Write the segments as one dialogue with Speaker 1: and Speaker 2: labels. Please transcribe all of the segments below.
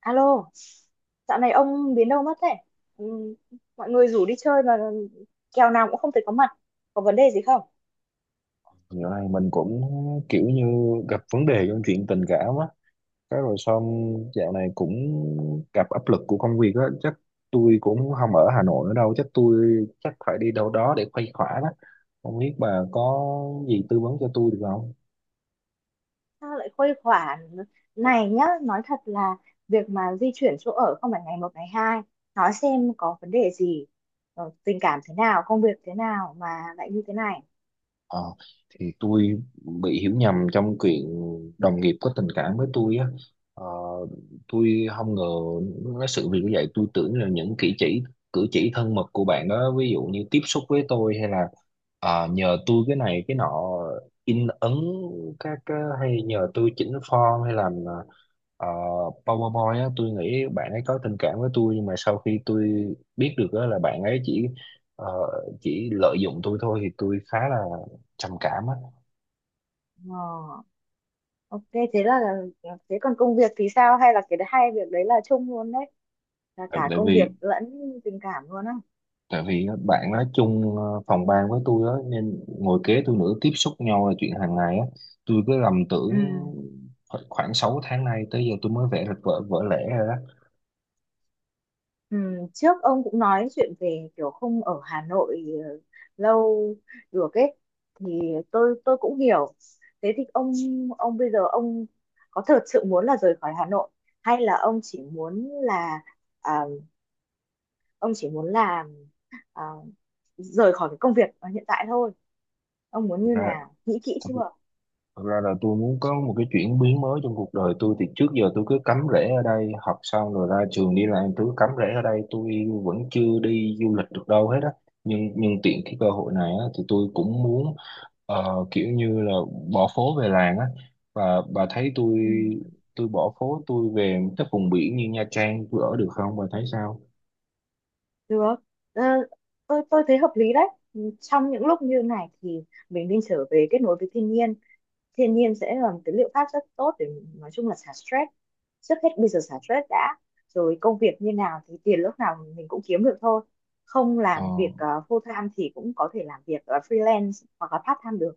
Speaker 1: Alo, dạo này ông biến đâu mất thế? Ừ, mọi người rủ đi chơi mà kèo nào cũng không thể có mặt. Có vấn đề gì không?
Speaker 2: Dạo này mình cũng kiểu như gặp vấn đề trong chuyện tình cảm á, cái rồi xong dạo này cũng gặp áp lực của công việc á, chắc tôi cũng không ở Hà Nội nữa đâu, chắc tôi chắc phải đi đâu đó để khuây khỏa đó. Không biết bà có gì tư vấn cho tôi được không?
Speaker 1: Sao lại khuây khỏa này nhá? Nói thật là việc mà di chuyển chỗ ở không phải ngày một ngày hai. Nói xem có vấn đề gì, tình cảm thế nào, công việc thế nào mà lại như thế này.
Speaker 2: Ờ, thì tôi bị hiểu nhầm trong chuyện đồng nghiệp có tình cảm với tôi á. Ờ, tôi không ngờ cái sự việc như vậy, tôi tưởng là những cử chỉ thân mật của bạn đó, ví dụ như tiếp xúc với tôi hay là nhờ tôi cái này cái nọ in ấn các cái, hay nhờ tôi chỉnh form hay làm ờ, PowerPoint á. Tôi nghĩ bạn ấy có tình cảm với tôi, nhưng mà sau khi tôi biết được á là bạn ấy chỉ ờ, chỉ lợi dụng tôi thôi, thì tôi khá là trầm cảm á.
Speaker 1: Ờ, ok, thế là thế còn công việc thì sao? Hay là cái hai việc đấy là chung luôn đấy? Là
Speaker 2: tại,
Speaker 1: cả
Speaker 2: tại
Speaker 1: công việc
Speaker 2: vì
Speaker 1: lẫn tình cảm luôn á?
Speaker 2: tại vì á, bạn nói chung phòng ban với tôi á, nên ngồi kế tôi nữa, tiếp xúc nhau là chuyện hàng ngày á. Tôi cứ lầm
Speaker 1: Ừ.
Speaker 2: tưởng, khoảng 6 tháng nay tới giờ tôi mới vẽ được vở vỡ lẽ rồi đó.
Speaker 1: Ừ, trước ông cũng nói chuyện về kiểu không ở Hà Nội, lâu được ấy, thì tôi cũng hiểu. Thế thì ông bây giờ ông có thật sự muốn là rời khỏi Hà Nội hay là à, ông chỉ muốn là, à, rời khỏi cái công việc ở hiện tại thôi? Ông muốn như nào, nghĩ kỹ chưa?
Speaker 2: Thực ra Thật ra là tôi muốn có một cái chuyển biến mới trong cuộc đời tôi. Thì trước giờ tôi cứ cắm rễ ở đây, học xong rồi ra trường đi làm, tôi cứ cắm rễ ở đây, tôi vẫn chưa đi du lịch được đâu hết á, nhưng tiện cái cơ hội này á, thì tôi cũng muốn kiểu như là bỏ phố về làng á. Và bà thấy tôi
Speaker 1: Ừ.
Speaker 2: tôi bỏ phố tôi về các vùng biển như Nha Trang tôi ở được không, bà thấy sao?
Speaker 1: Được. Ờ, tôi thấy hợp lý đấy. Trong những lúc như này thì mình nên trở về kết nối với thiên nhiên. Thiên nhiên sẽ là một cái liệu pháp rất tốt để nói chung là xả stress. Trước hết bây giờ xả stress đã, rồi công việc như nào thì tiền lúc nào mình cũng kiếm được thôi. Không
Speaker 2: Ờ
Speaker 1: làm việc full time thì cũng có thể làm việc freelance hoặc là part time được.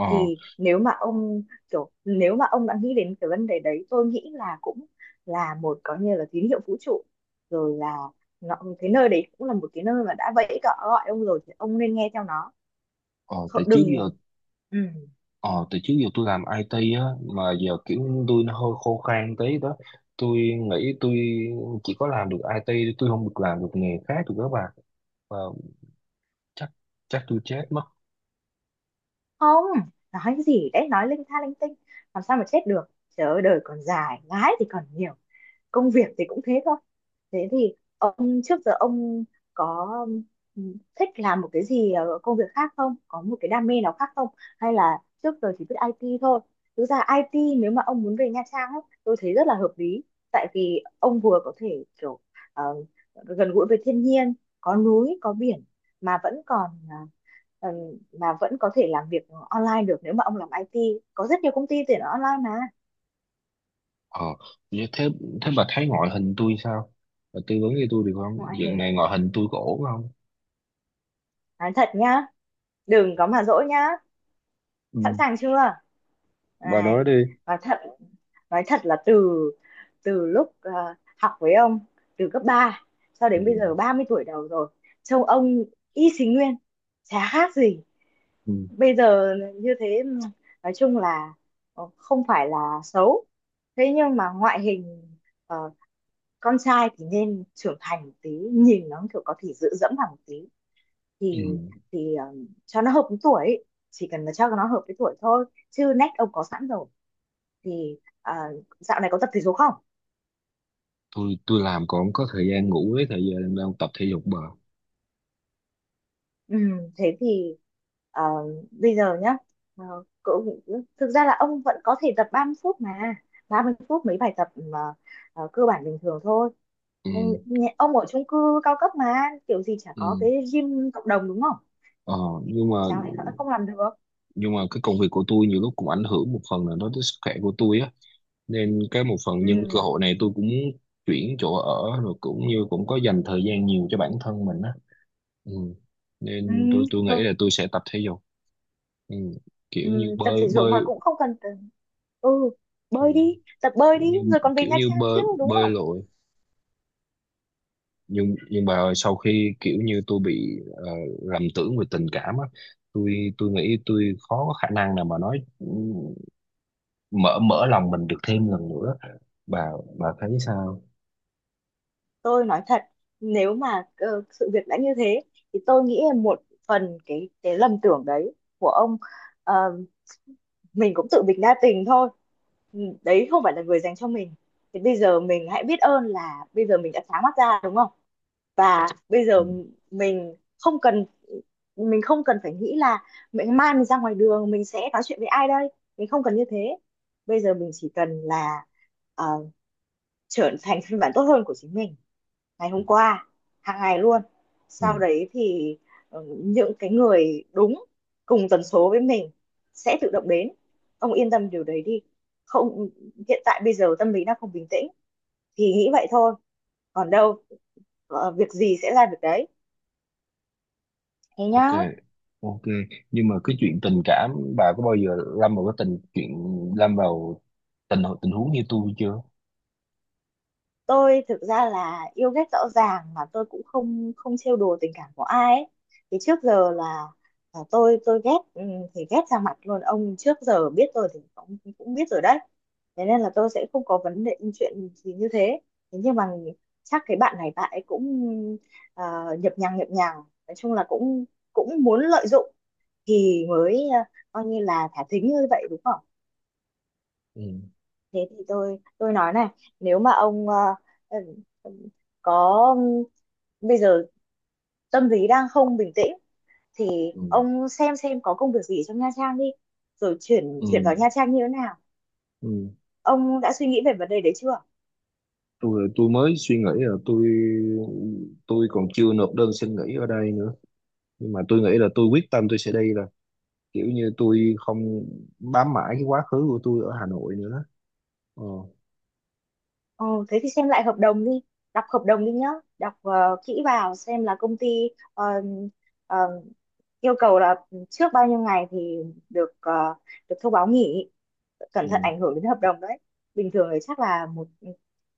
Speaker 2: ờ
Speaker 1: Thì nếu mà ông, đã nghĩ đến cái vấn đề đấy, tôi nghĩ là cũng là một, có như là tín hiệu vũ trụ rồi. Là cái nơi đấy cũng là một cái nơi mà đã vẫy cỏ gọi ông rồi, thì ông nên nghe theo nó.
Speaker 2: ờ tại
Speaker 1: Không-
Speaker 2: trước
Speaker 1: đừng
Speaker 2: giờ
Speaker 1: ừ.
Speaker 2: Ờ, từ trước giờ tôi làm IT á, mà giờ kiểu tôi nó hơi khô khan tí đó. Tôi nghĩ tôi chỉ có làm được IT, tôi không được làm được nghề khác được các bạn. Và chắc, tôi chết mất.
Speaker 1: không nói gì đấy, nói linh tha linh tinh. Làm sao mà chết được, trời ơi, đời còn dài ngái thì còn nhiều. Công việc thì cũng thế thôi. Thế thì ông, trước giờ ông có, ừm, thích làm một cái gì, công việc khác không, có một cái đam mê nào khác không, hay là trước giờ chỉ biết IT thôi? Thực ra IT, nếu mà ông muốn về Nha Trang ấy, tôi thấy rất là hợp lý. Tại vì ông vừa có thể kiểu, ờ, gần gũi với thiên nhiên, có núi có biển, mà vẫn còn, ờ, mà vẫn có thể làm việc online được nếu mà ông làm IT, có rất nhiều công ty tuyển online mà.
Speaker 2: Ờ, như thế, thế bà thấy ngoại hình tôi sao? Bà tư vấn cho tôi được không?
Speaker 1: Ngoại
Speaker 2: Dạng
Speaker 1: hình,
Speaker 2: này ngoại hình tôi có ổn không?
Speaker 1: nói thật nhá, đừng có mà dỗi nhá. Sẵn
Speaker 2: Ừ,
Speaker 1: sàng chưa?
Speaker 2: bà nói
Speaker 1: Này,
Speaker 2: đi.
Speaker 1: nói thật nói thật là từ từ lúc, học với ông từ cấp 3, cho
Speaker 2: Ừ,
Speaker 1: đến bây giờ 30 tuổi đầu rồi, trông ông y xì nguyên, chả khác gì
Speaker 2: ừ,
Speaker 1: bây giờ. Như thế nói chung là, không phải là xấu, thế nhưng mà ngoại hình, ờ, con trai thì nên trưởng thành một tí, nhìn nó kiểu có thể dựa dẫm vào một tí, thì
Speaker 2: ừ.
Speaker 1: thì cho nó hợp với tuổi ấy. Chỉ cần là cho nó hợp với tuổi thôi, chứ nét ông có sẵn rồi, thì dạo này có tập thể dục không?
Speaker 2: Tôi làm còn không có thời gian ngủ với thời gian đang tập thể dục bà.
Speaker 1: ừ, Thế thì, à, bây giờ nhá, ờ, cậu, thực ra là ông vẫn có thể tập 30 phút mấy bài tập mà, cơ bản bình thường thôi.
Speaker 2: Ừ,
Speaker 1: Ừ, ông ở chung cư cao cấp mà, kiểu gì chả
Speaker 2: ừ.
Speaker 1: có cái gym cộng đồng đúng không?
Speaker 2: Ờ, nhưng mà
Speaker 1: Chẳng lẽ không làm được?
Speaker 2: nhưng mà cái công việc của tôi nhiều lúc cũng ảnh hưởng một phần là nó tới sức khỏe của tôi á, nên cái một phần
Speaker 1: Ừ.
Speaker 2: nhân cơ hội này tôi cũng muốn chuyển chỗ ở rồi cũng như cũng có dành thời gian nhiều cho bản thân mình á. Ừ,
Speaker 1: Ừ.
Speaker 2: nên tôi nghĩ
Speaker 1: Thôi.
Speaker 2: là tôi sẽ tập thể dục. Ừ, kiểu
Speaker 1: Ừ.
Speaker 2: như
Speaker 1: Tập
Speaker 2: bơi
Speaker 1: thể dục mà
Speaker 2: bơi.
Speaker 1: cũng không cần, ừ
Speaker 2: Ừ,
Speaker 1: bơi đi tập bơi
Speaker 2: kiểu
Speaker 1: đi
Speaker 2: như
Speaker 1: rồi còn về
Speaker 2: kiểu
Speaker 1: Nha
Speaker 2: như
Speaker 1: Trang chứ
Speaker 2: bơi
Speaker 1: đúng
Speaker 2: bơi
Speaker 1: không?
Speaker 2: lội. Nhưng mà sau khi kiểu như tôi bị lầm tưởng về tình cảm á, tôi nghĩ tôi khó có khả năng nào mà nói, mở mở lòng mình được thêm lần nữa. Bà, thấy sao?
Speaker 1: Tôi nói thật, nếu mà sự việc đã như thế, thì tôi nghĩ là một phần cái lầm tưởng đấy của ông, ờ, mình cũng tự mình đa tình thôi. Ừ, đấy không phải là người dành cho mình, thì bây giờ mình hãy biết ơn là bây giờ mình đã sáng mắt ra đúng không, và bây
Speaker 2: Ừ,
Speaker 1: giờ mình không cần mình không cần phải nghĩ là mai mình ra ngoài đường mình sẽ nói chuyện với ai đây. Mình không cần như thế, bây giờ mình chỉ cần là, ờ, trở thành phiên bản tốt hơn của chính mình ngày hôm qua, hàng ngày luôn. Sau
Speaker 2: ừ,
Speaker 1: đấy thì, những cái người đúng cùng tần số với mình sẽ tự động đến. Ông yên tâm điều đấy đi. Không, hiện tại bây giờ tâm lý đang không bình tĩnh thì nghĩ vậy thôi, còn đâu, việc gì sẽ ra việc đấy. Thế
Speaker 2: ok.
Speaker 1: nhá.
Speaker 2: Ok, nhưng mà cái chuyện tình cảm bà có bao giờ lâm vào cái tình chuyện lâm vào tình tình huống như tôi chưa?
Speaker 1: Tôi thực ra là yêu ghét rõ ràng, mà tôi cũng không không trêu đùa tình cảm của ai ấy. Thì trước giờ là tôi ghét, thì ghét ra mặt luôn. Ông trước giờ biết tôi thì cũng cũng biết rồi đấy. Thế nên là tôi sẽ không có vấn đề chuyện gì như thế. Thế nhưng mà chắc cái bạn này bạn ấy cũng, ờ, nhập nhằng, nói chung là cũng cũng muốn lợi dụng, thì mới coi như là thả thính như vậy đúng không?
Speaker 2: ừ,
Speaker 1: Thế thì tôi nói này, nếu mà ông, ừm, ừm, có, bây giờ tâm lý đang không bình tĩnh, thì
Speaker 2: ừ,
Speaker 1: ông xem có công việc gì trong Nha Trang đi, rồi chuyển
Speaker 2: ừ,
Speaker 1: chuyển vào Nha Trang như thế nào.
Speaker 2: ừ.
Speaker 1: Ông đã suy nghĩ về vấn đề đấy chưa?
Speaker 2: Tôi mới suy nghĩ là tôi còn chưa nộp đơn xin nghỉ ở đây nữa, nhưng mà tôi nghĩ là tôi quyết tâm tôi sẽ đi, là kiểu như tôi không bám mãi cái quá khứ của tôi ở Hà Nội nữa đó. ờ,
Speaker 1: Ờ, Thế thì xem lại hợp đồng đi, đọc hợp đồng đi nhá. Đọc kỹ vào xem là công ty, ờ, ờ, yêu cầu là trước bao nhiêu ngày thì được ờ, được thông báo nghỉ, cẩn
Speaker 2: ừ.
Speaker 1: thận ảnh hưởng đến hợp đồng đấy. Bình thường thì chắc là một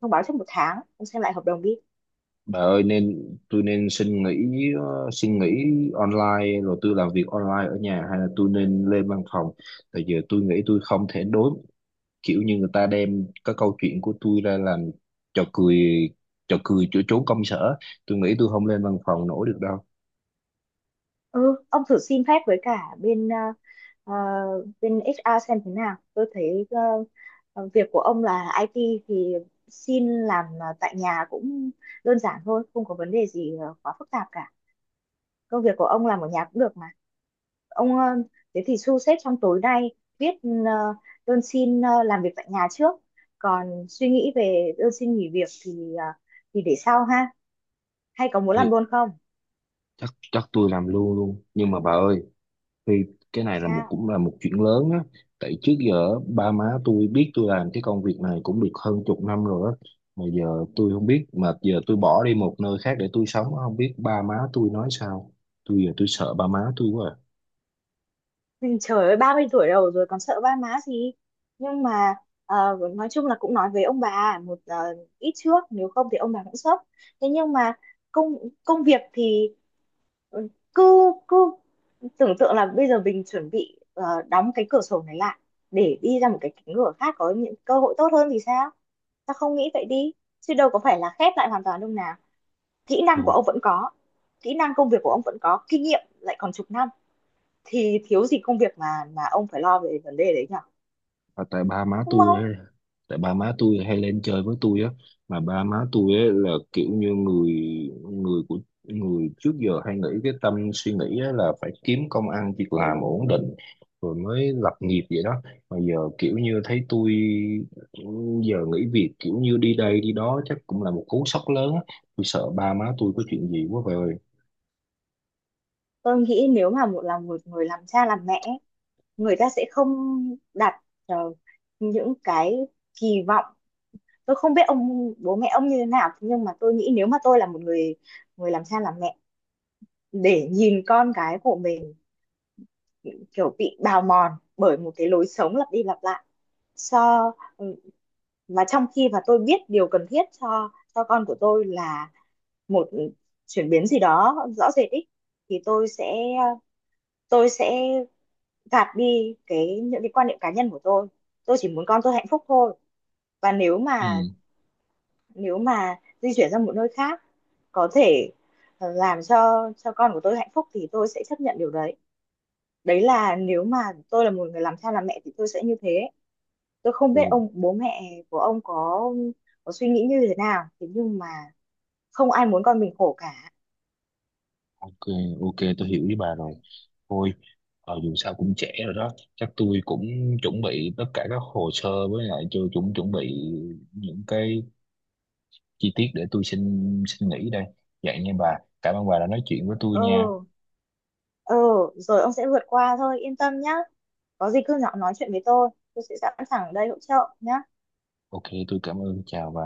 Speaker 1: thông báo trong một tháng, ông xem lại hợp đồng đi.
Speaker 2: Bà ơi, nên tôi nên xin nghỉ, xin nghỉ online rồi tôi làm việc online ở nhà hay là tôi nên lên văn phòng? Tại giờ tôi nghĩ tôi không thể đối, kiểu như người ta đem cái câu chuyện của tôi ra làm trò cười, chỗ trốn công sở, tôi nghĩ tôi không lên văn phòng nổi được đâu.
Speaker 1: Ừ ông thử xin phép với cả bên, ờ, bên HR xem thế nào. Tôi thấy việc của ông là IT, thì xin làm tại nhà cũng đơn giản thôi, không có vấn đề gì quá phức tạp cả, công việc của ông làm ở nhà cũng được mà. Ông ờ, thế thì thu xếp trong tối nay viết ờ, đơn xin làm việc tại nhà trước, còn suy nghĩ về đơn xin nghỉ việc thì để sau ha, hay có muốn
Speaker 2: Ê,
Speaker 1: làm luôn không?
Speaker 2: chắc, tôi làm luôn luôn, nhưng mà bà ơi, thì cái này là một,
Speaker 1: Sao?
Speaker 2: cũng là một chuyện lớn á. Tại trước giờ ba má tôi biết tôi làm cái công việc này cũng được hơn chục năm rồi á, mà giờ tôi không biết, mà giờ tôi bỏ đi một nơi khác để tôi sống không biết ba má tôi nói sao. Tôi giờ tôi sợ ba má tôi quá à.
Speaker 1: Nhưng trời ơi 30 tuổi đầu rồi còn sợ ba má gì? Nhưng mà nói chung là cũng nói với ông bà một ít trước, nếu không thì ông bà cũng sốc. Thế nhưng mà công công việc thì, ừ, cứ cứ tưởng tượng là bây giờ mình chuẩn bị đóng cái cửa sổ này lại để đi ra một cái cánh cửa khác có những cơ hội tốt hơn thì sao. Sao không nghĩ vậy đi, chứ đâu có phải là khép lại hoàn toàn đâu nào. Kỹ
Speaker 2: Ừ.
Speaker 1: năng của ông vẫn có, kỹ năng công việc của ông vẫn có kinh nghiệm lại còn chục năm, thì thiếu gì công việc mà ông phải lo về vấn đề đấy nhở,
Speaker 2: À, tại ba má
Speaker 1: đúng
Speaker 2: tôi
Speaker 1: không?
Speaker 2: ấy, tại ba má tôi hay lên chơi với tôi á, mà ba má tôi ấy là kiểu như người, người của người trước giờ hay nghĩ cái tâm suy nghĩ á là phải kiếm công ăn việc làm ổn định rồi mới lập nghiệp vậy đó. Mà giờ kiểu như thấy tôi giờ nghỉ việc, kiểu như đi đây đi đó, chắc cũng là một cú sốc lớn á. Tôi sợ ba má tôi có chuyện gì quá vậy ơi.
Speaker 1: Tôi nghĩ nếu mà một người làm cha làm mẹ, người ta sẽ không đặt, ờ, những cái kỳ vọng. Tôi không biết ông bố mẹ ông như thế nào, nhưng mà tôi nghĩ nếu mà tôi là một người người làm cha làm mẹ, để nhìn con cái của mình kiểu bị bào mòn bởi một cái lối sống lặp đi lặp lại, so ừ, mà trong khi mà tôi biết điều cần thiết cho con của tôi là một chuyển biến gì đó rõ rệt ý, thì tôi sẽ gạt đi những cái quan niệm cá nhân của tôi. Tôi chỉ muốn con tôi hạnh phúc thôi. Và nếu mà
Speaker 2: Ừ.
Speaker 1: nếu mà di chuyển sang một nơi khác có thể, làm cho con của tôi hạnh phúc, thì tôi sẽ chấp nhận điều đấy. Đấy là nếu mà tôi là một người làm cha làm mẹ thì tôi sẽ như thế. Tôi không biết
Speaker 2: Ừ.
Speaker 1: ông bố mẹ của ông có suy nghĩ như thế nào, thế nhưng mà không ai muốn con mình khổ cả.
Speaker 2: Ok, ok, tôi hiểu với bà rồi. Thôi, dù sao cũng trễ rồi đó. Chắc tôi cũng chuẩn bị tất cả các hồ sơ với lại cho chuẩn, chuẩn bị những cái chi tiết để tôi xin, nghỉ đây. Vậy nha bà. Cảm ơn bà đã nói chuyện với tôi nha.
Speaker 1: Ừ. Ừ. Rồi ông sẽ vượt qua thôi, yên tâm nhá. Có gì cứ nhỏ nói chuyện với tôi sẽ sẵn sàng ở đây hỗ trợ nhá.
Speaker 2: Ok, tôi cảm ơn. Chào bà.